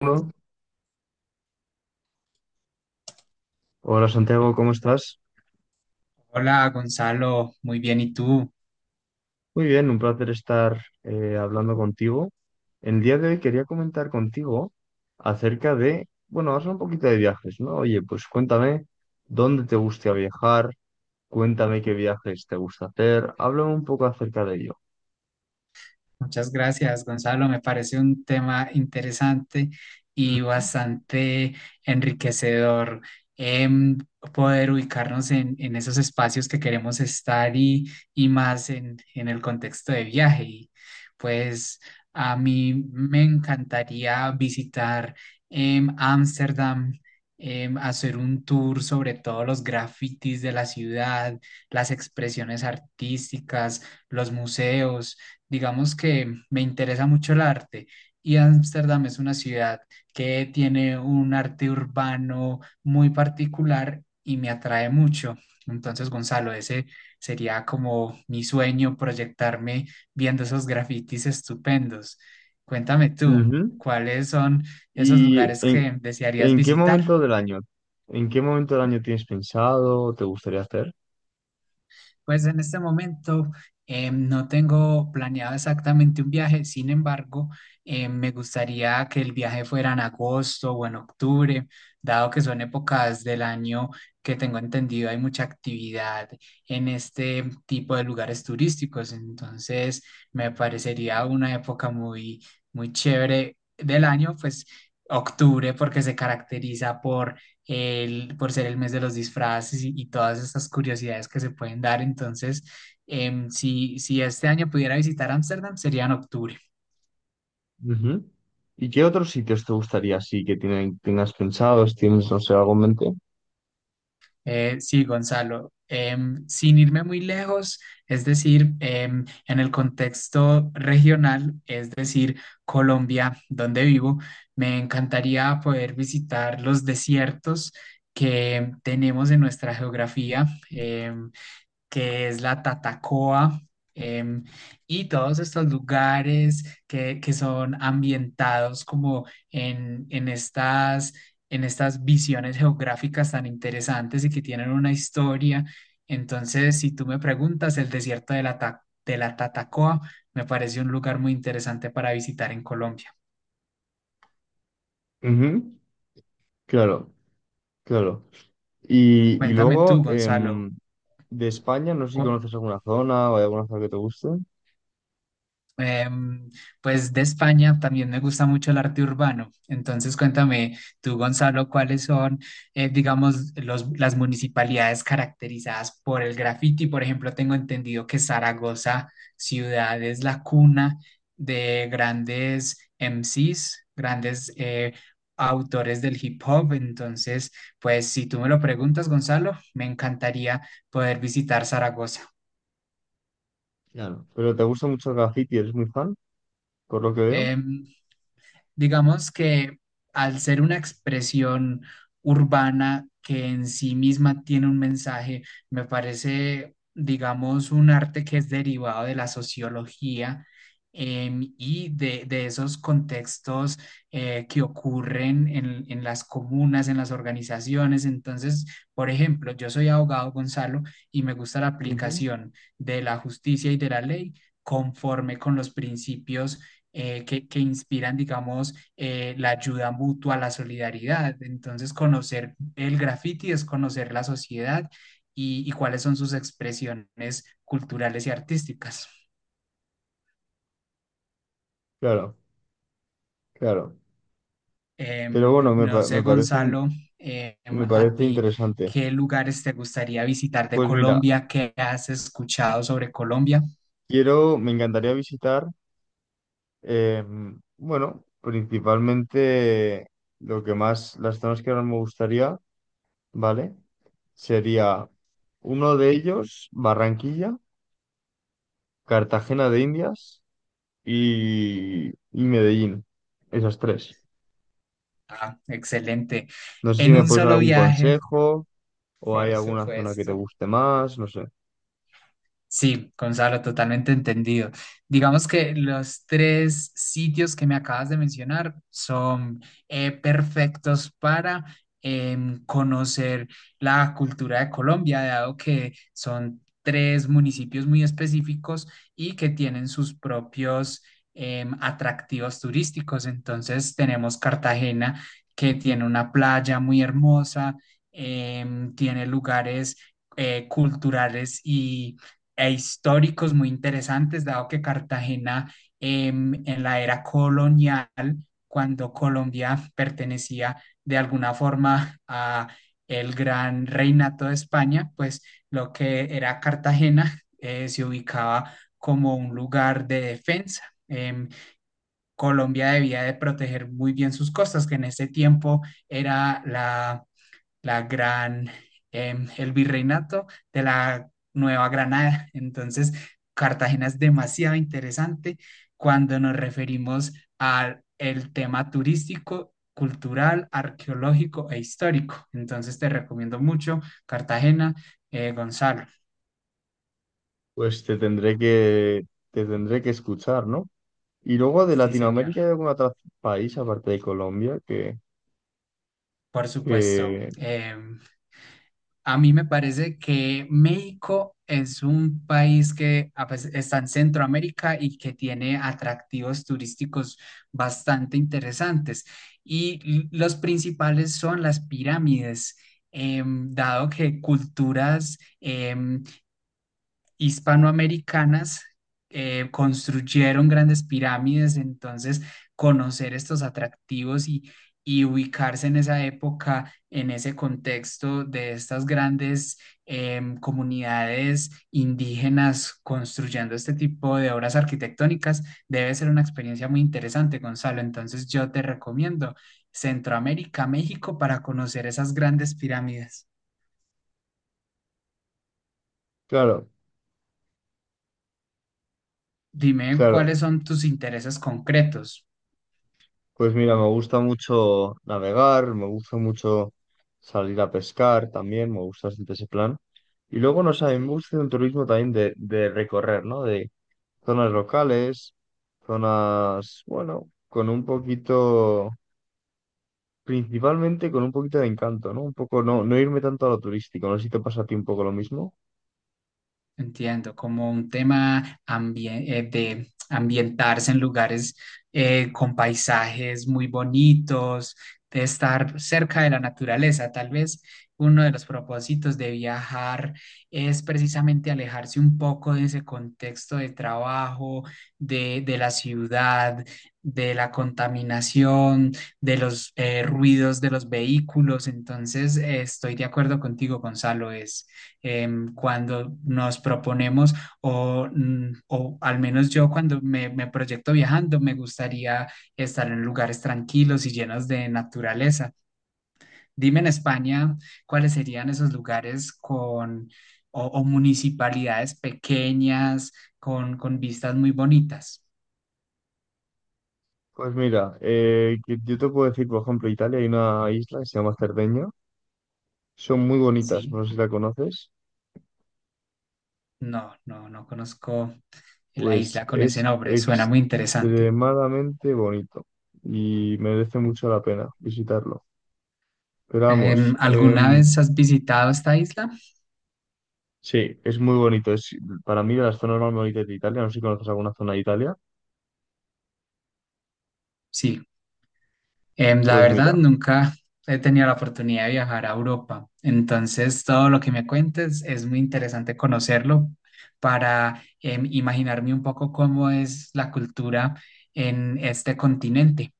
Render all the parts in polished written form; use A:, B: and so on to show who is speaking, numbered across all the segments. A: Bueno, hola Santiago, ¿cómo estás?
B: Hola Gonzalo, muy bien, ¿y tú?
A: Muy bien, un placer estar hablando contigo. El día de hoy quería comentar contigo acerca de, bueno, vamos a hablar un poquito de viajes, ¿no? Oye, pues cuéntame dónde te gusta viajar, cuéntame qué viajes te gusta hacer, háblame un poco acerca de ello.
B: Muchas gracias, Gonzalo. Me parece un tema interesante y
A: Ujú.
B: bastante enriquecedor, em, poder ubicarnos en esos espacios que queremos estar y más en el contexto de viaje. Y pues a mí me encantaría visitar, Ámsterdam. Hacer un tour sobre todos los grafitis de la ciudad, las expresiones artísticas, los museos. Digamos que me interesa mucho el arte y Ámsterdam es una ciudad que tiene un arte urbano muy particular y me atrae mucho. Entonces, Gonzalo, ese sería como mi sueño, proyectarme viendo esos grafitis estupendos. Cuéntame tú,
A: Ujú.
B: ¿cuáles son esos
A: ¿Y
B: lugares
A: en,
B: que desearías
A: ¿En qué
B: visitar?
A: momento del año? ¿En qué momento del año tienes pensado, te gustaría hacer?
B: Pues en este momento no tengo planeado exactamente un viaje. Sin embargo, me gustaría que el viaje fuera en agosto o en octubre, dado que son épocas del año que tengo entendido hay mucha actividad en este tipo de lugares turísticos. Entonces me parecería una época muy, muy chévere del año, pues octubre porque se caracteriza por por ser el mes de los disfraces y todas estas curiosidades que se pueden dar. Entonces, si este año pudiera visitar Ámsterdam, sería en octubre.
A: Ujú. ¿Y qué otros sitios te gustaría así que tienen, tengas pensados? ¿Tienes, no sé, algo en mente?
B: Sí, Gonzalo, sin irme muy lejos, es decir, en el contexto regional, es decir, Colombia, donde vivo, me encantaría poder visitar los desiertos que tenemos en nuestra geografía. em, que es la Tatacoa, em, y todos estos lugares que son ambientados como en en estas visiones geográficas tan interesantes y que tienen una historia. Entonces, si tú me preguntas, el desierto de la Tatacoa me parece un lugar muy interesante para visitar en Colombia.
A: Ujú. Claro, claro. Y
B: Cuéntame
A: luego,
B: tú, Gonzalo,
A: de España, no sé si
B: cu-
A: conoces alguna zona o hay alguna zona que te guste.
B: Em, pues de España también me gusta mucho el arte urbano. Entonces cuéntame tú, Gonzalo, cuáles son, digamos, las municipalidades caracterizadas por el graffiti. Por ejemplo, tengo entendido que Zaragoza, ciudad, es la cuna de grandes MCs, grandes autores del hip hop. Entonces, pues si tú me lo preguntas, Gonzalo, me encantaría poder visitar Zaragoza.
A: Claro. Pero te gusta mucho el graffiti, eres muy fan, por lo que veo.
B: Em, Digamos que al ser una expresión urbana que en sí misma tiene un mensaje, me parece, digamos, un arte que es derivado de la sociología, y de esos contextos que ocurren en las comunas, en las organizaciones. Entonces, por ejemplo, yo soy abogado, Gonzalo, y me gusta la
A: Ujú.
B: aplicación de la justicia y de la ley conforme con los principios que inspiran, digamos, la ayuda mutua, la solidaridad. Entonces, conocer el graffiti es conocer la sociedad y cuáles son sus expresiones culturales y artísticas.
A: Claro, claro. Pero bueno,
B: No sé, Gonzalo, em,
A: me
B: a
A: parece
B: ti,
A: interesante.
B: ¿qué lugares te gustaría visitar de
A: Pues mira,
B: Colombia? ¿Qué has escuchado sobre Colombia?
A: quiero, me encantaría visitar. Eh, bueno, principalmente lo que más, las zonas que más me gustaría, ¿vale? Sería uno de ellos, Barranquilla, Cartagena de Indias y Medellín. Esas tres.
B: Ah, excelente.
A: No sé si
B: En
A: me
B: un
A: puedes dar
B: solo
A: algún
B: viaje,
A: consejo o hay
B: por
A: alguna zona que te
B: supuesto.
A: guste más, no sé.
B: Sí, Gonzalo, totalmente entendido. Digamos que los tres sitios que me acabas de mencionar son, perfectos para conocer la cultura de Colombia, dado que son tres municipios muy específicos y que tienen sus propios atractivos turísticos. Entonces tenemos Cartagena, que tiene una playa muy hermosa, tiene lugares culturales y e históricos muy interesantes, dado que Cartagena, en la era colonial, cuando Colombia pertenecía de alguna forma a el gran reinato de España, pues lo que era Cartagena se ubicaba como un lugar de defensa. Colombia debía de proteger muy bien sus costas, que en ese tiempo era la gran, el virreinato de la Nueva Granada. Entonces, Cartagena es demasiado interesante cuando nos referimos al el tema turístico, cultural, arqueológico e histórico. Entonces, te recomiendo mucho Cartagena, Gonzalo.
A: Pues te tendré que, te tendré que escuchar, ¿no? Y luego de
B: Sí, señor.
A: Latinoamérica hay algún otro país aparte de Colombia
B: Por supuesto.
A: que
B: A mí me parece que México es un país que está en Centroamérica y que tiene atractivos turísticos bastante interesantes. Y los principales son las pirámides, dado que culturas hispanoamericanas construyeron grandes pirámides. Entonces conocer estos atractivos y ubicarse en esa época, en ese contexto de estas grandes comunidades indígenas construyendo este tipo de obras arquitectónicas, debe ser una experiencia muy interesante, Gonzalo. Entonces yo te recomiendo Centroamérica, México, para conocer esas grandes pirámides.
A: claro.
B: Dime
A: Claro,
B: cuáles son tus intereses concretos.
A: pues mira, me gusta mucho navegar, me gusta mucho salir a pescar también, me gusta bastante ese plan. Y luego, no sé, a mí me
B: Sí.
A: gusta un turismo también de recorrer, ¿no? De zonas locales, zonas, bueno, con un poquito, principalmente con un poquito de encanto, ¿no? Un poco, no, no irme tanto a lo turístico, no sé si te pasa a ti un poco lo mismo.
B: Entiendo, como un tema de ambientarse en lugares con paisajes muy bonitos, de estar cerca de la naturaleza. Tal vez uno de los propósitos de viajar es precisamente alejarse un poco de ese contexto de trabajo, de la ciudad, de la contaminación, de los ruidos de los vehículos. Entonces, estoy de acuerdo contigo, Gonzalo. Es, cuando nos proponemos o, mm, o al menos yo cuando me proyecto viajando, me gustaría estar en lugares tranquilos y llenos de naturaleza. Dime en España cuáles serían esos lugares con o municipalidades pequeñas con vistas muy bonitas.
A: Pues mira, yo te puedo decir, por ejemplo, Italia hay una isla que se llama Cerdeña, son muy bonitas,
B: Sí,
A: no sé si la conoces.
B: no conozco la
A: Pues
B: isla con ese
A: es
B: nombre, suena muy interesante.
A: extremadamente bonito y merece mucho la pena visitarlo. Pero vamos,
B: Em, ¿alguna vez has visitado esta isla?
A: sí, es muy bonito. Es para mí de las zonas más bonitas de Italia. No sé si conoces alguna zona de Italia.
B: Sí. La
A: Pues
B: verdad,
A: mira,
B: nunca he tenido la oportunidad de viajar a Europa, entonces todo lo que me cuentes es muy interesante conocerlo para imaginarme un poco cómo es la cultura en este continente.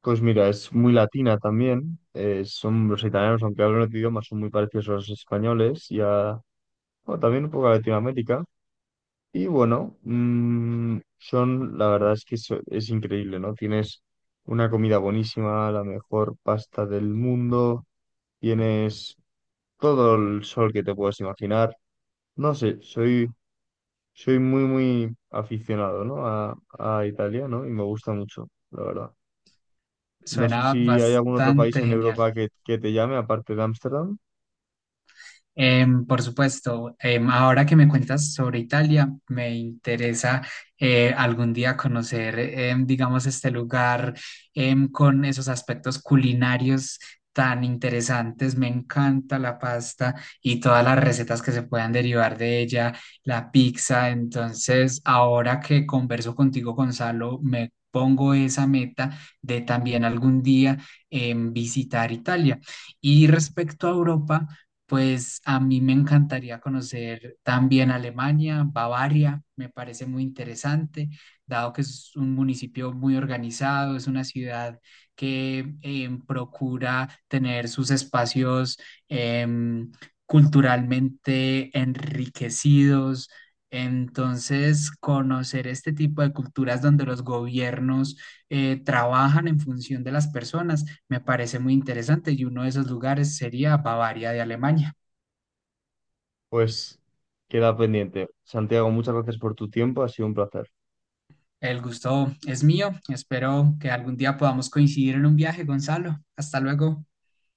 A: pues mira, es muy latina también. Son los italianos, aunque hablan otro idioma, son muy parecidos a los españoles y a, bueno, también un poco a Latinoamérica. Y bueno, son, la verdad es que es increíble, ¿no? Tienes una comida buenísima, la mejor pasta del mundo, tienes todo el sol que te puedes imaginar. No sé, soy, soy muy, muy aficionado, ¿no? A Italia, ¿no? Y me gusta mucho, la verdad. No sé
B: Suena
A: si hay algún otro país
B: bastante
A: en
B: genial.
A: Europa que te llame, aparte de Ámsterdam,
B: Por supuesto, ahora que me cuentas sobre Italia, me interesa, algún día conocer, digamos, este lugar, con esos aspectos culinarios tan interesantes. Me encanta la pasta y todas las recetas que se puedan derivar de ella, la pizza. Entonces, ahora que converso contigo, Gonzalo, me pongo esa meta de también algún día visitar Italia. Y respecto a Europa, pues a mí me encantaría conocer también Alemania, Bavaria, me parece muy interesante, dado que es un municipio muy organizado, es una ciudad que procura tener sus espacios em, culturalmente enriquecidos. Entonces, conocer este tipo de culturas donde los gobiernos trabajan en función de las personas me parece muy interesante y uno de esos lugares sería Bavaria de Alemania.
A: pues queda pendiente. Santiago, muchas gracias por tu tiempo, ha sido un placer.
B: El gusto es mío. Espero que algún día podamos coincidir en un viaje, Gonzalo. Hasta luego.